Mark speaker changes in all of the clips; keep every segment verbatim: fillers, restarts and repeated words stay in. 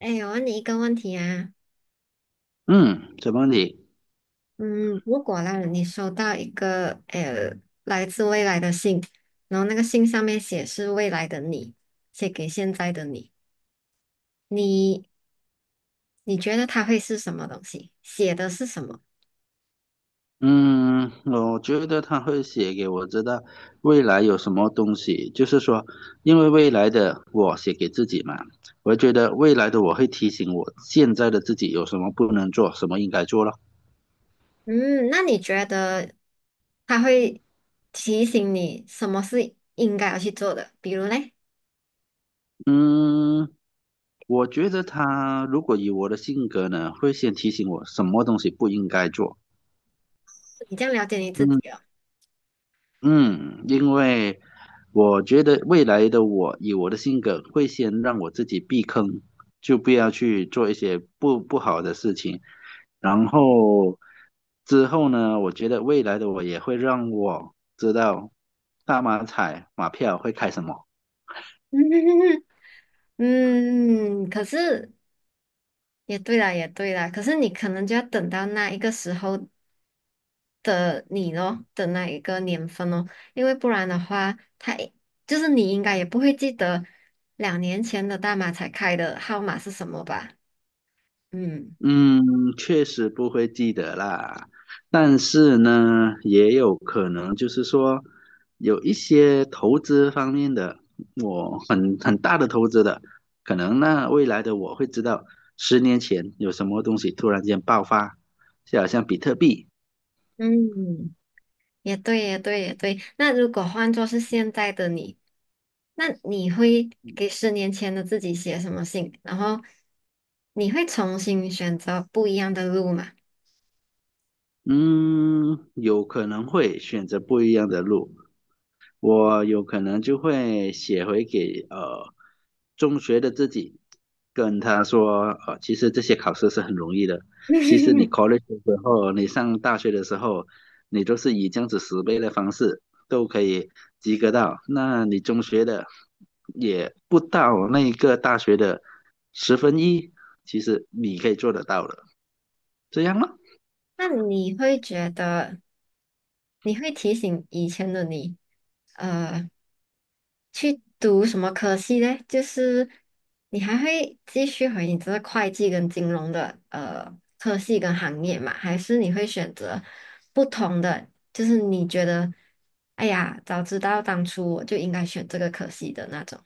Speaker 1: 哎，我问你一个问题啊，
Speaker 2: 嗯，什么你？
Speaker 1: 嗯，如果啦，你收到一个呃来自未来的信，然后那个信上面写是未来的你，写给现在的你，你你觉得它会是什么东西？写的是什么？
Speaker 2: 嗯，我觉得他会写给我知道未来有什么东西，就是说，因为未来的我写给自己嘛，我觉得未来的我会提醒我现在的自己有什么不能做，什么应该做了。
Speaker 1: 嗯，那你觉得它会提醒你什么是应该要去做的？比如嘞，
Speaker 2: 嗯，我觉得他如果以我的性格呢，会先提醒我什么东西不应该做。
Speaker 1: 你这样了解你自己
Speaker 2: 嗯。
Speaker 1: 哦。
Speaker 2: 嗯，因为我觉得未来的我以我的性格会先让我自己避坑，就不要去做一些不不好的事情。然后之后呢，我觉得未来的我也会让我知道大马彩马票会开什么。
Speaker 1: 嗯，可是也对啦，也对啦，可是你可能就要等到那一个时候，的你咯的那一个年份哦，因为不然的话，他就是你应该也不会记得两年前的大马才开的号码是什么吧？嗯
Speaker 2: 嗯，确实不会记得啦，但是呢，也有可能就是说，有一些投资方面的，我很很大的投资的，可能那未来的我会知道，十年前有什么东西突然间爆发，就好像比特币。
Speaker 1: 嗯，也对，也对，也对。那如果换作是现在的你，那你会给十年前的自己写什么信？然后你会重新选择不一样的路吗？
Speaker 2: 嗯，有可能会选择不一样的路，我有可能就会写回给呃中学的自己，跟他说，呃，其实这些考试是很容易的。其实你 college 的时候，你上大学的时候，你都是以这样子十倍的方式都可以及格到。那你中学的也不到那一个大学的十分一，其实你可以做得到的，这样吗？
Speaker 1: 那你会觉得，你会提醒以前的你？呃。去读什么科系嘞？就是你还会继续回你这个会计跟金融的呃科系跟行业嘛？还是你会选择不同的？就是你觉得，哎呀，早知道当初我就应该选这个科系的那种。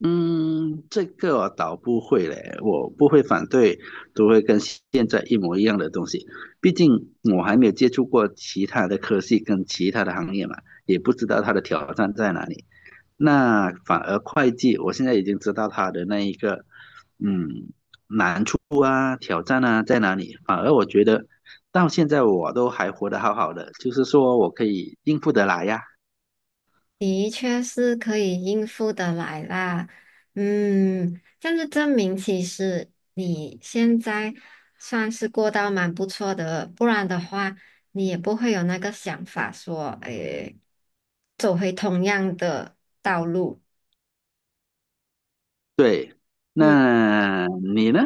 Speaker 2: 嗯，这个我倒不会嘞，我不会反对都会跟现在一模一样的东西，毕竟我还没有接触过其他的科技跟其他的行业嘛，也不知道它的挑战在哪里。那反而会计，我现在已经知道它的那一个，嗯，难处啊、挑战啊在哪里。反而我觉得到现在我都还活得好好的，就是说我可以应付得来呀。
Speaker 1: 的确是可以应付得来啦，嗯，这样就证明其实你现在算是过到蛮不错的，不然的话你也不会有那个想法说，诶，走回同样的道路。
Speaker 2: 对，
Speaker 1: 嗯，
Speaker 2: 那你呢？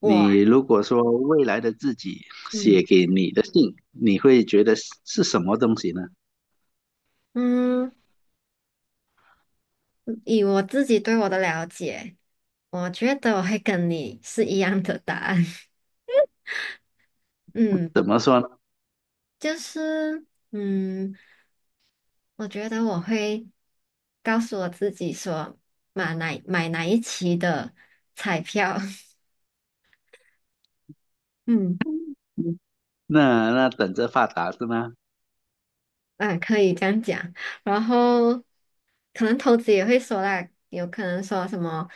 Speaker 1: 我，
Speaker 2: 你如果说未来的自己写
Speaker 1: 嗯
Speaker 2: 给你的信，你会觉得是是什么东西呢？
Speaker 1: 嗯，以我自己对我的了解，我觉得我会跟你是一样的答案。嗯，
Speaker 2: 怎么说呢？
Speaker 1: 就是，嗯。我觉得我会告诉我自己说，买哪买哪一期的彩票，嗯，
Speaker 2: 嗯，那那等着发达是吗？
Speaker 1: 啊，可以这样讲。然后可能投资也会说啦，有可能说什么，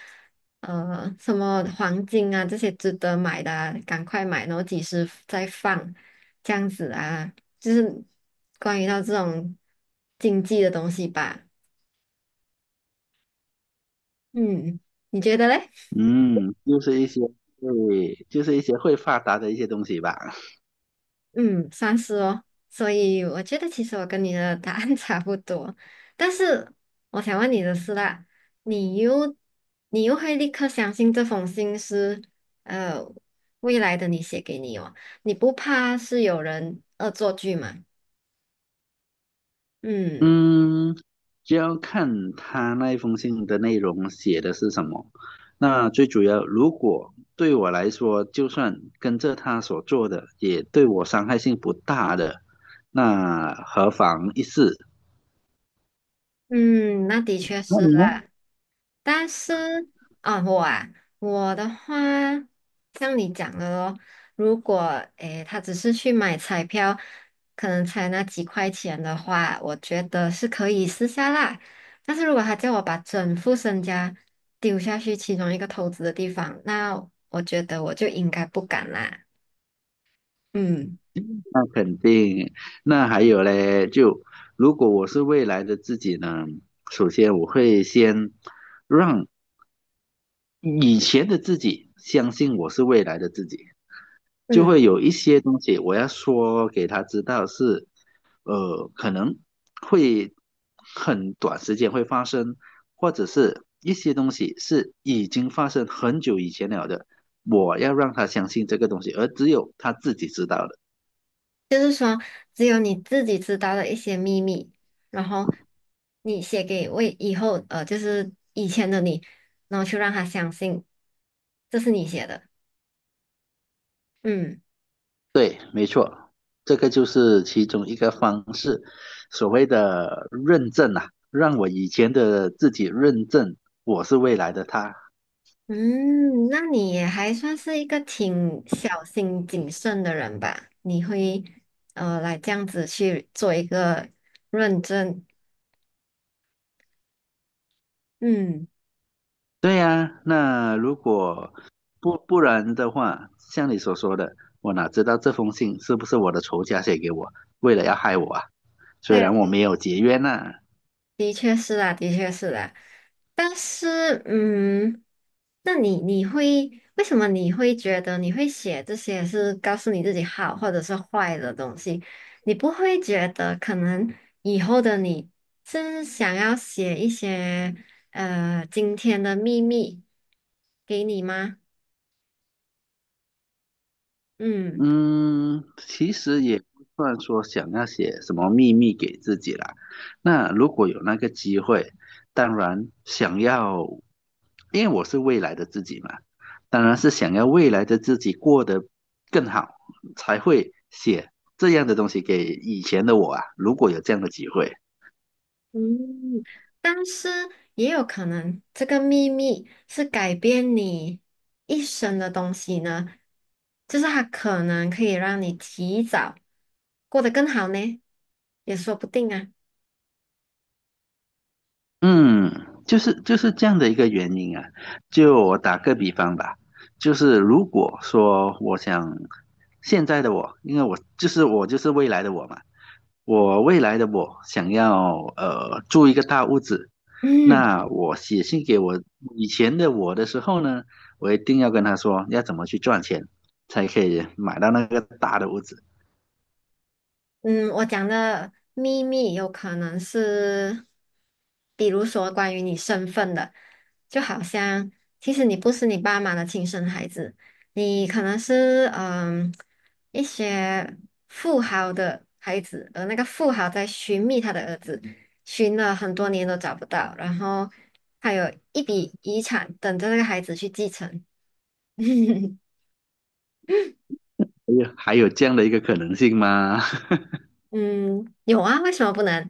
Speaker 1: 呃，什么黄金啊这些值得买的啊赶快买，然后几时再放，这样子啊，就是关于到这种经济的东西吧。嗯，你觉得嘞？
Speaker 2: 嗯，就是一些对，就是一些会发达的一些东西吧。
Speaker 1: 嗯，算是哦。所以我觉得其实我跟你的答案 差不多，但是我想问你的是啦，你又你又会立刻相信这封信是呃未来的你写给你哦？你不怕是有人恶作剧吗？嗯
Speaker 2: 嗯，就要看他那一封信的内容写的是什么。那最主要，如果对我来说，就算跟着他所做的，也对我伤害性不大的，那何妨一试？
Speaker 1: 嗯，那的确
Speaker 2: 那
Speaker 1: 是
Speaker 2: 你呢？
Speaker 1: 啦。但是啊，我啊，我的话，像你讲的咯，如果诶，他只是去买彩票，可能才那几块钱的话，我觉得是可以试下啦。但是如果他叫我把整副身家丢下去其中一个投资的地方，那我觉得我就应该不敢啦。嗯。
Speaker 2: 那肯定，那还有嘞，就如果我是未来的自己呢，首先我会先让以前的自己相信我是未来的自己，就
Speaker 1: 嗯。
Speaker 2: 会有一些东西我要说给他知道是，呃，可能会很短时间会发生，或者是一些东西是已经发生很久以前了的，我要让他相信这个东西，而只有他自己知道的。
Speaker 1: 就是说，只有你自己知道的一些秘密，然后你写给为以后呃，就是以前的你，然后去让他相信这是你写的。嗯
Speaker 2: 对，没错，这个就是其中一个方式，所谓的认证啊，让我以前的自己认证我是未来的他。
Speaker 1: 嗯，那你也还算是一个挺小心谨慎的人吧？你会呃来这样子去做一个认证？嗯，
Speaker 2: 对呀，那如果不不然的话，像你所说的，我哪知道这封信是不是我的仇家写给我，为了要害我啊？虽
Speaker 1: 对。
Speaker 2: 然我没有结冤呐、
Speaker 1: 的确是啦，的确是啦。但是，嗯，那你你会为什么你会觉得你会写这些是告诉你自己好或者是坏的东西？你不会觉得可能以后的你是想要写一些呃今天的秘密给你吗？嗯。
Speaker 2: 嗯，其实也不算说想要写什么秘密给自己啦。那如果有那个机会，当然想要，因为我是未来的自己嘛，当然是想要未来的自己过得更好，才会写这样的东西给以前的我啊。如果有这样的机会，
Speaker 1: 嗯，但是也有可能这个秘密是改变你一生的东西呢，就是它可能可以让你提早过得更好呢，也说不定啊。
Speaker 2: 嗯，就是就是这样的一个原因啊。就我打个比方吧，就是如果说我想现在的我，因为我就是我就是未来的我嘛，我未来的我想要呃住一个大屋子，
Speaker 1: 嗯。
Speaker 2: 那我写信给我以前的我的时候呢，我一定要跟他说要怎么去赚钱才可以买到那个大的屋子。
Speaker 1: 嗯，我讲的秘密有可能是，比如说关于你身份的，就好像其实你不是你爸妈的亲生孩子，你可能是嗯一些富豪的孩子，而那个富豪在寻觅他的儿子，寻了很多年都找不到，然后还有一笔遗产等着那个孩子去继承。
Speaker 2: 哎呀，还有这样的一个可能性吗？
Speaker 1: 嗯，有啊，为什么不能？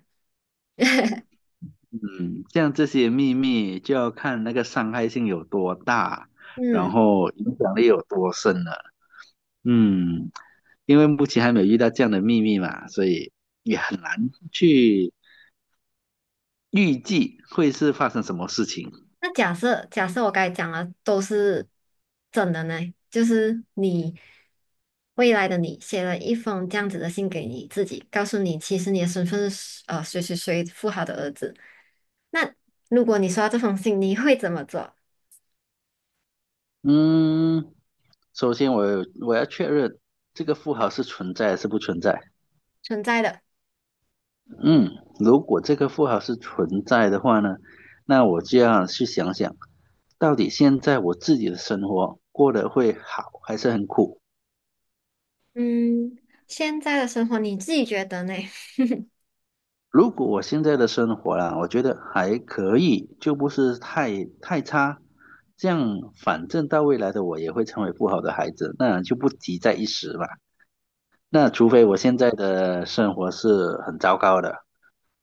Speaker 2: 嗯，像这些秘密就要看那个伤害性有多大，然
Speaker 1: 嗯。
Speaker 2: 后影响力有多深了。嗯，因为目前还没有遇到这样的秘密嘛，所以也很难去预计会是发生什么事情。
Speaker 1: 那假设假设我刚才讲的都是真的呢，就是你未来的你写了一封这样子的信给你自己，告诉你其实你的身份是呃谁谁谁富豪的儿子。那如果你收到这封信，你会怎么做？
Speaker 2: 嗯，首先我有我要确认这个富豪是存在还是不存在。
Speaker 1: 存在的，
Speaker 2: 嗯，如果这个富豪是存在的话呢，那我就要去想想，到底现在我自己的生活过得会好还是很苦。
Speaker 1: 嗯，现在的生活你自己觉得呢？
Speaker 2: 如果我现在的生活啦，我觉得还可以，就不是太太差。这样，反正到未来的我也会成为不好的孩子，那就不急在一时嘛。那除非我现在的生活是很糟糕的，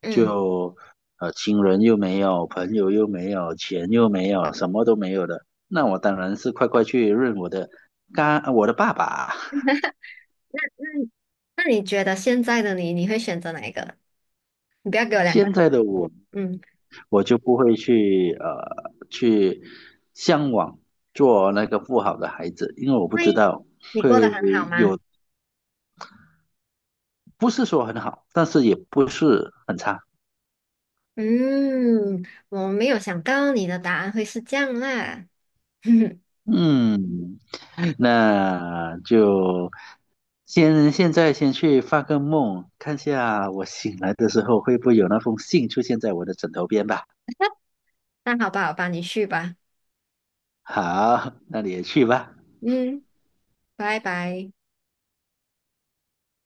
Speaker 1: 嗯，
Speaker 2: 就呃亲人又没有，朋友又没有，钱又没有，什么都没有的，那我当然是快快去认我的干我的爸爸。
Speaker 1: 那那你觉得现在的你，你会选择哪一个？你不要给我两个，
Speaker 2: 现在的我
Speaker 1: 嗯，
Speaker 2: 我就不会去呃去向往做那个不好的孩子，因为我不知
Speaker 1: 会，
Speaker 2: 道
Speaker 1: 你过
Speaker 2: 会
Speaker 1: 得很好吗？
Speaker 2: 有，不是说很好，但是也不是很差。
Speaker 1: 嗯，我没有想到你的答案会是这样啦。
Speaker 2: 嗯，那就先现在先去发个梦，看下我醒来的时候会不会有那封信出现在我的枕头边吧。
Speaker 1: 那好吧，好吧，你去吧。
Speaker 2: 好，那你也去吧。
Speaker 1: 嗯，拜拜。